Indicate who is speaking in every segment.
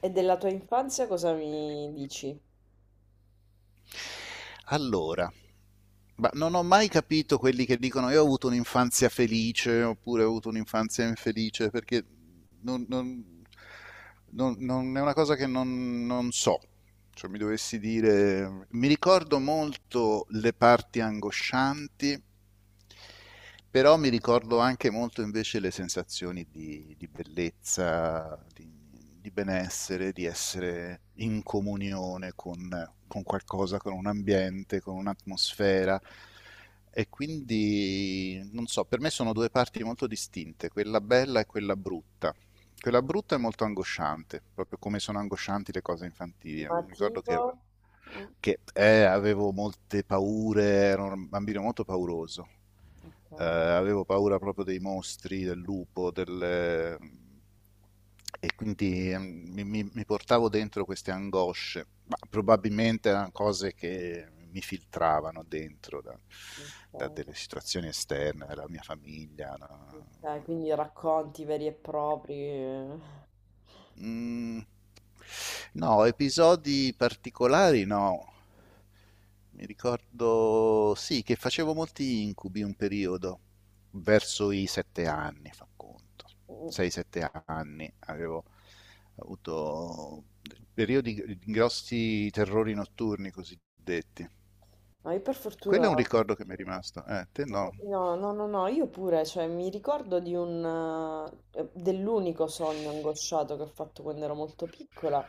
Speaker 1: E della tua infanzia cosa mi dici?
Speaker 2: Allora, ma non ho mai capito quelli che dicono io ho avuto un'infanzia felice oppure ho avuto un'infanzia infelice, perché non, non- è una cosa che non so. Cioè, mi dovessi dire, mi ricordo molto le parti angoscianti, però mi ricordo anche molto invece le sensazioni di bellezza, di benessere, di essere in comunione con qualcosa, con un ambiente, con un'atmosfera. E quindi, non so, per me sono due parti molto distinte, quella bella e quella brutta. Quella brutta è molto angosciante, proprio come sono angoscianti le cose infantili.
Speaker 1: Ma
Speaker 2: Mi ricordo
Speaker 1: tipo.
Speaker 2: che,
Speaker 1: Mm.
Speaker 2: che, eh, avevo molte paure, ero un bambino molto pauroso.
Speaker 1: Ok,
Speaker 2: Avevo paura proprio dei mostri, del lupo, del... E quindi mi portavo dentro queste angosce, ma probabilmente erano cose che mi filtravano dentro da, da
Speaker 1: ok,
Speaker 2: delle situazioni esterne, dalla mia famiglia, no?
Speaker 1: ok, quindi racconti veri e propri. Eh.
Speaker 2: Mm, no, episodi particolari no. Mi ricordo, sì, che facevo molti incubi un periodo, verso i 7 anni, fa conto.
Speaker 1: Mm.
Speaker 2: 6-7 anni avevo avuto periodi di grossi terrori notturni cosiddetti.
Speaker 1: Ma io per
Speaker 2: Quello
Speaker 1: fortuna.
Speaker 2: è un ricordo che mi è rimasto. Te no.
Speaker 1: No, no, no, no, io pure, cioè mi ricordo di dell'unico sogno angosciato che ho fatto quando ero molto piccola.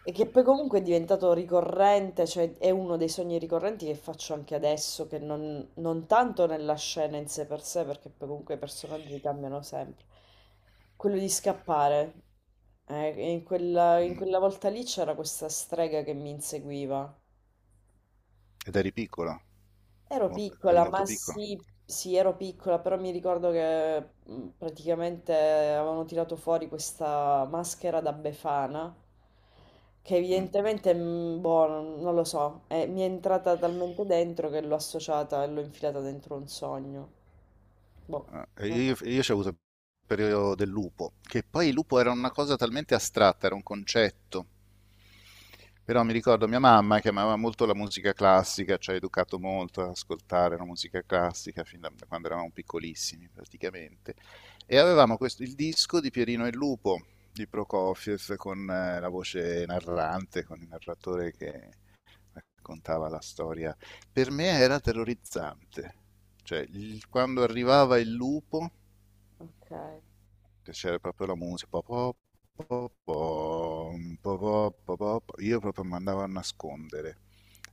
Speaker 1: E che poi comunque è diventato ricorrente, cioè è uno dei sogni ricorrenti che faccio anche adesso, che non tanto nella scena in sé per sé, perché poi comunque i personaggi cambiano sempre. Quello di scappare. E in quella, in
Speaker 2: Mm.
Speaker 1: quella volta lì c'era questa strega che mi inseguiva.
Speaker 2: Ed eri piccolo,
Speaker 1: Ero
Speaker 2: eri
Speaker 1: piccola,
Speaker 2: molto
Speaker 1: ma
Speaker 2: piccolo.
Speaker 1: sì, sì, ero piccola, però mi ricordo che praticamente avevano tirato fuori questa maschera da Befana, che
Speaker 2: Mm.
Speaker 1: evidentemente, boh, non lo so, mi è entrata talmente dentro che l'ho associata e l'ho infilata dentro un sogno. Boh,
Speaker 2: Eh,
Speaker 1: no,
Speaker 2: Io, io ci ho avuto il periodo del lupo, che poi il lupo era una cosa talmente astratta, era un concetto. Però mi ricordo mia mamma che amava molto la musica classica, ci ha educato molto ad ascoltare la musica classica fin da quando eravamo piccolissimi praticamente. E avevamo il disco di Pierino e il Lupo di Prokofiev con la voce narrante, con il narratore che raccontava la storia. Per me era terrorizzante. Cioè, quando arrivava il lupo
Speaker 1: ok.
Speaker 2: piacere proprio la musica. Io proprio mi andavo a nascondere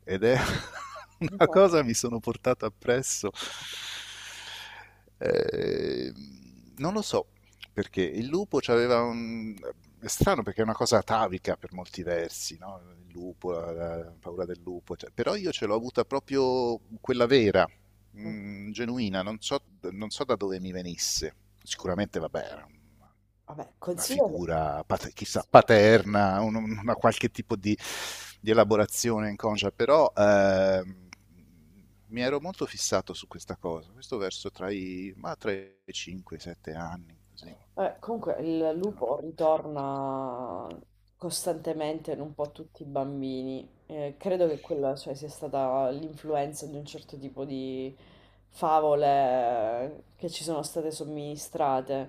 Speaker 2: ed è una cosa che mi sono portato appresso. Eh, non lo so perché il lupo c'aveva un... È strano perché è una cosa atavica per molti versi, no? Il lupo, la paura del lupo, cioè, però io ce l'ho avuta proprio quella vera,
Speaker 1: Mhm.
Speaker 2: genuina, non so, non so da dove mi venisse. Sicuramente, vabbè,
Speaker 1: Vabbè,
Speaker 2: una
Speaker 1: considero.
Speaker 2: figura chissà paterna, una qualche tipo di elaborazione inconscia, però mi ero molto fissato su questa cosa, questo verso tra i 5 e i 7 anni, così.
Speaker 1: Comunque il lupo ritorna costantemente in un po' tutti i bambini. Credo che quella, cioè, sia stata l'influenza di un certo tipo di favole che ci sono state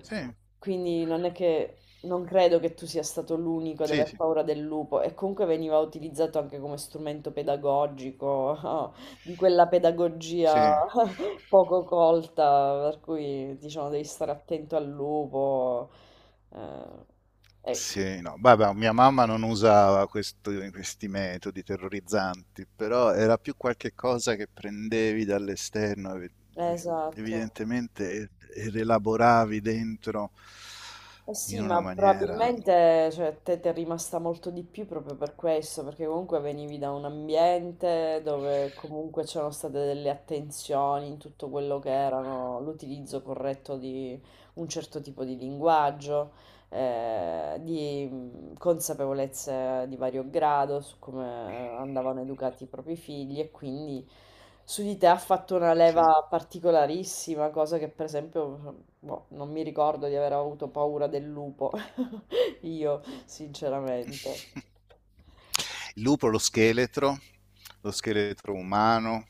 Speaker 2: Sì,
Speaker 1: Quindi non è che non credo che tu sia stato l'unico ad
Speaker 2: sì,
Speaker 1: aver
Speaker 2: sì,
Speaker 1: paura del lupo e comunque veniva utilizzato anche come strumento pedagogico, di quella pedagogia
Speaker 2: sì,
Speaker 1: poco colta, per cui diciamo devi stare attento al lupo. eh,
Speaker 2: sì, no, vabbè, mia mamma non usava questi metodi terrorizzanti, però era più qualche cosa che prendevi dall'esterno,
Speaker 1: eh, esatto.
Speaker 2: evidentemente, e rielaboravi dentro
Speaker 1: Eh
Speaker 2: in
Speaker 1: sì,
Speaker 2: una
Speaker 1: ma
Speaker 2: maniera,
Speaker 1: probabilmente cioè, a te ti è rimasta molto di più proprio per questo, perché comunque venivi da un ambiente dove comunque c'erano state delle attenzioni in tutto quello che erano l'utilizzo corretto di un certo tipo di linguaggio. Di consapevolezze di vario grado su come andavano educati i propri figli e quindi su di te ha fatto una
Speaker 2: sì.
Speaker 1: leva particolarissima, cosa che per esempio boh, non mi ricordo di aver avuto paura del lupo, io sinceramente.
Speaker 2: Il lupo, lo scheletro umano,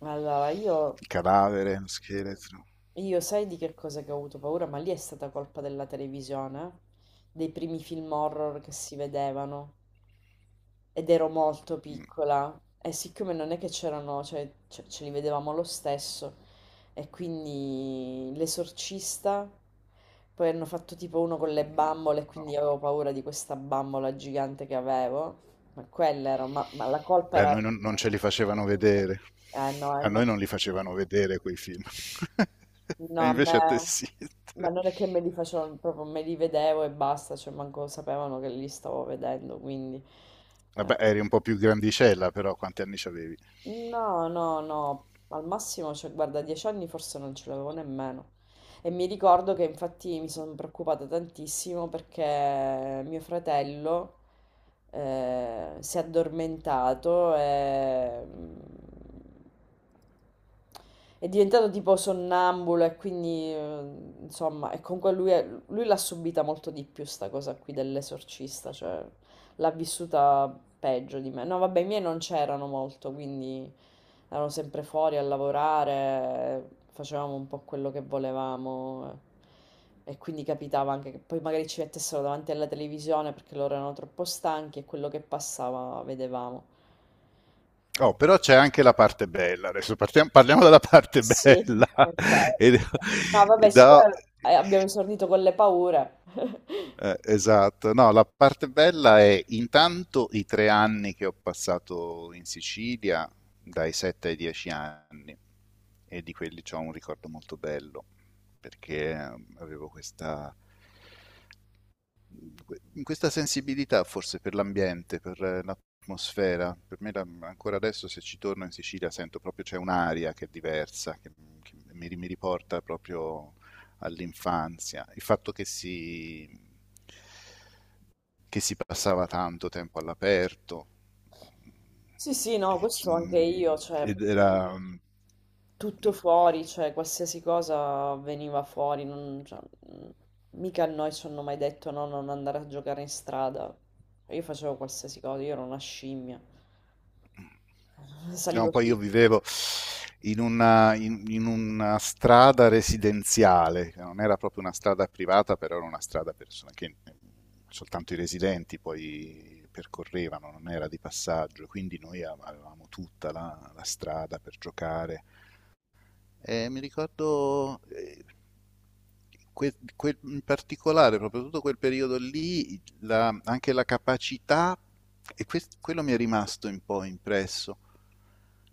Speaker 1: Allora, io,
Speaker 2: il cadavere, lo scheletro.
Speaker 1: io sai di che cosa che ho avuto paura, ma lì è stata colpa della televisione, eh? Dei primi film horror che si vedevano. Ed ero molto
Speaker 2: Mm,
Speaker 1: piccola e siccome non è che c'erano, cioè, ce li vedevamo lo stesso e quindi l'esorcista, poi hanno fatto tipo uno con le
Speaker 2: mm,
Speaker 1: bambole e
Speaker 2: no.
Speaker 1: quindi avevo paura di questa bambola gigante che avevo, ma quella era, ma la colpa
Speaker 2: Beh, a noi
Speaker 1: era,
Speaker 2: non, non ce li facevano vedere.
Speaker 1: eh no, a
Speaker 2: A
Speaker 1: me,
Speaker 2: noi non li facevano vedere quei film. E
Speaker 1: no, a me,
Speaker 2: invece a te sì.
Speaker 1: ma non è che me li facevo, proprio me li vedevo e basta, cioè manco sapevano che li stavo vedendo, quindi.
Speaker 2: Vabbè,
Speaker 1: Eh.
Speaker 2: eri un po' più grandicella, però quanti anni avevi?
Speaker 1: No, no, no, al massimo, cioè, guarda, dieci anni forse non ce l'avevo nemmeno. E mi ricordo che infatti mi sono preoccupata tantissimo perché mio fratello si è addormentato e è diventato tipo sonnambulo e quindi insomma, e comunque lui, lui l'ha subita molto di più sta cosa qui dell'esorcista, cioè l'ha vissuta peggio di me. No, vabbè, i miei non c'erano molto, quindi erano sempre fuori a lavorare, facevamo un po' quello che volevamo. E quindi capitava anche che poi magari ci mettessero davanti alla televisione perché loro erano troppo stanchi e quello che passava vedevamo.
Speaker 2: Oh,
Speaker 1: Eh,
Speaker 2: però c'è anche la parte bella. Adesso parliamo della
Speaker 1: eh
Speaker 2: parte
Speaker 1: sì,
Speaker 2: bella.
Speaker 1: ok.
Speaker 2: e,
Speaker 1: No,
Speaker 2: e
Speaker 1: vabbè,
Speaker 2: da-
Speaker 1: siccome abbiamo esordito con le paure.
Speaker 2: Esatto, no, la parte bella è intanto i 3 anni che ho passato in Sicilia, dai 7 ai 10 anni, e di quelli ho un ricordo molto bello, perché avevo questa, questa sensibilità forse per l'ambiente, per l'atmosfera. Per me ancora adesso se ci torno in Sicilia sento proprio c'è un'aria che è diversa, che mi riporta proprio all'infanzia. Il fatto che si passava tanto tempo all'aperto,
Speaker 1: Sì, sì, no,
Speaker 2: perché
Speaker 1: questo anche io, cioè.
Speaker 2: ed era... Mm,
Speaker 1: Tutto fuori, cioè qualsiasi cosa veniva fuori, cioè, mh, mica a noi ci hanno mai detto no, non andare a giocare in strada. Io facevo qualsiasi cosa, io ero una scimmia,
Speaker 2: no,
Speaker 1: salivo
Speaker 2: poi io
Speaker 1: sulle
Speaker 2: vivevo in in una strada residenziale, che non era proprio una strada privata, però era una strada che mm, soltanto i residenti poi percorrevano, non era di passaggio, quindi avevamo tutta la strada per giocare. Mi ricordo in particolare, proprio tutto quel periodo lì, anche la capacità, e quello mi è rimasto un po' impresso,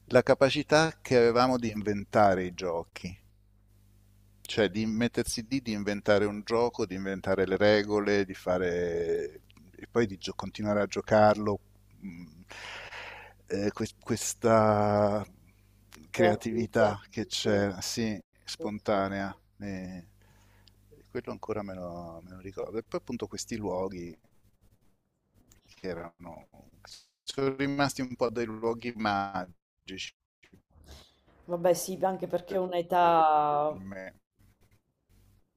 Speaker 2: la capacità che avevamo di inventare i giochi. Cioè di mettersi lì, di inventare un gioco, di inventare le regole, di fare... E poi di continuare a giocarlo. Mm, questa
Speaker 1: creatività.
Speaker 2: creatività che
Speaker 1: Sì,
Speaker 2: c'è, sì,
Speaker 1: sì, sì.
Speaker 2: spontanea. Eh, quello ancora me lo ricordo. E poi appunto questi luoghi che erano... Sono rimasti un po' dei luoghi magici
Speaker 1: Vabbè, sì, anche perché è
Speaker 2: per
Speaker 1: un'età
Speaker 2: me.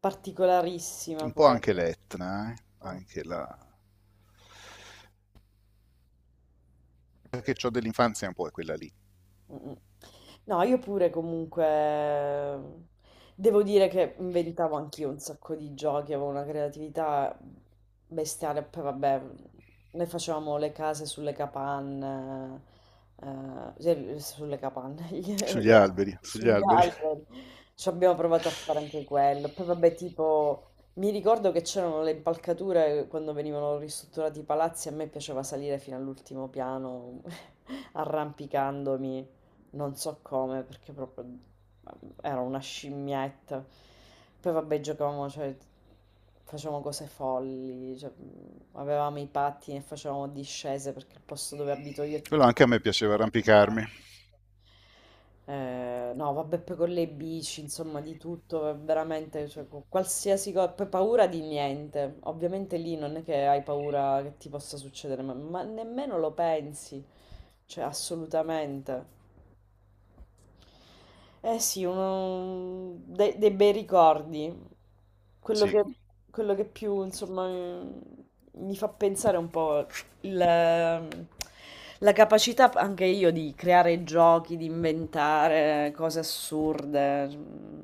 Speaker 1: particolarissima
Speaker 2: Un po' anche
Speaker 1: quella.
Speaker 2: l'Etna, anche la che ho dell'infanzia un po' è quella lì.
Speaker 1: Mm, mm. No, io pure comunque devo dire che inventavo anch'io un sacco di giochi, avevo una creatività bestiale, poi vabbè, noi facevamo le case sulle capanne, cioè, sulle capanne,
Speaker 2: Sugli alberi, sugli
Speaker 1: sugli
Speaker 2: alberi.
Speaker 1: alberi, ci abbiamo provato a fare anche quello, poi vabbè tipo. Mi ricordo che c'erano le impalcature quando venivano ristrutturati i palazzi, a me piaceva salire fino all'ultimo piano arrampicandomi non so come, perché proprio era una scimmietta. Poi vabbè, giocavamo, cioè, facevamo cose folli, cioè, avevamo i pattini e facevamo discese perché il posto dove abito io è
Speaker 2: Quello
Speaker 1: tutto.
Speaker 2: anche a me piaceva arrampicarmi.
Speaker 1: No, vabbè, poi con le bici, insomma, di tutto, veramente, cioè, con qualsiasi cosa, poi paura di niente. Ovviamente lì non è che hai paura che ti possa succedere, ma nemmeno lo pensi, cioè, assolutamente. Eh sì, uno, dei bei ricordi. Quello
Speaker 2: Sì.
Speaker 1: che, quello che più, insomma, mi fa pensare un po' il- ehm, la capacità anche io di creare giochi, di inventare cose assurde. Mm.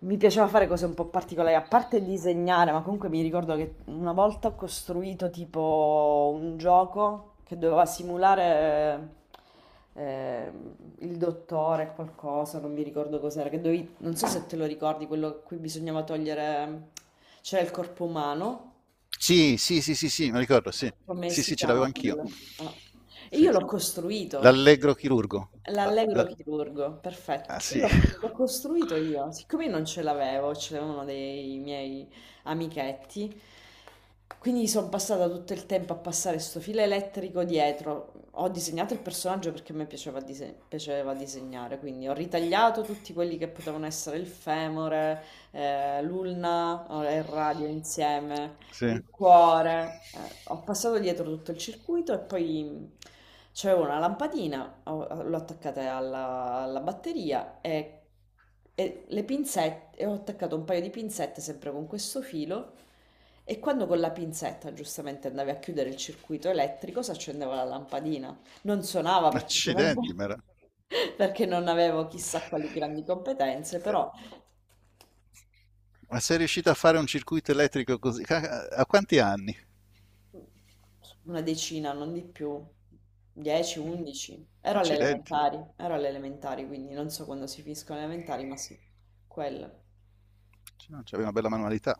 Speaker 1: Mi piaceva fare cose un po' particolari, a parte disegnare, ma comunque mi ricordo che una volta ho costruito tipo un gioco che doveva simulare eh, il dottore, qualcosa, non mi ricordo cos'era, che dovevi, non so se te lo ricordi, quello a cui bisognava togliere, c'era il corpo umano.
Speaker 2: Sì, sì, sì, sì, sì, mi ricordo, sì.
Speaker 1: Come
Speaker 2: Sì,
Speaker 1: si
Speaker 2: sì, ce l'avevo
Speaker 1: chiama
Speaker 2: anch'io.
Speaker 1: quello? Ah. E io
Speaker 2: Sì.
Speaker 1: l'ho costruito,
Speaker 2: L'allegro chirurgo. La-
Speaker 1: l'allegro
Speaker 2: la-
Speaker 1: chirurgo, perfetto.
Speaker 2: Ah,
Speaker 1: Io
Speaker 2: sì.
Speaker 1: l'ho costruito io, siccome io non ce l'avevo, ce l'avevano dei miei amichetti, quindi sono passata tutto il tempo a passare sto filo elettrico dietro. Ho disegnato il personaggio perché a me piaceva, piaceva disegnare, quindi ho ritagliato tutti quelli che potevano essere il femore, l'ulna, il radio insieme
Speaker 2: Sì.
Speaker 1: il cuore. Ho passato dietro tutto il circuito e poi c'avevo una lampadina, l'ho attaccata alla batteria e le pinzette, e ho attaccato un paio di pinzette sempre con questo filo. E quando con la pinzetta giustamente andavi a chiudere il circuito elettrico, si accendeva la lampadina. Non suonava perché
Speaker 2: Accidenti,
Speaker 1: ovviamente-
Speaker 2: ma,
Speaker 1: perché non avevo chissà quali grandi competenze, però
Speaker 2: ma sei riuscito a fare un circuito elettrico così? A quanti anni?
Speaker 1: una decina, non di più, 10, 11. Ero alle
Speaker 2: Accidenti.
Speaker 1: elementari, ero alle elementari, quindi non so quando si finiscono le elementari, ma sì, quello.
Speaker 2: Cioè, no, c'aveva una bella manualità.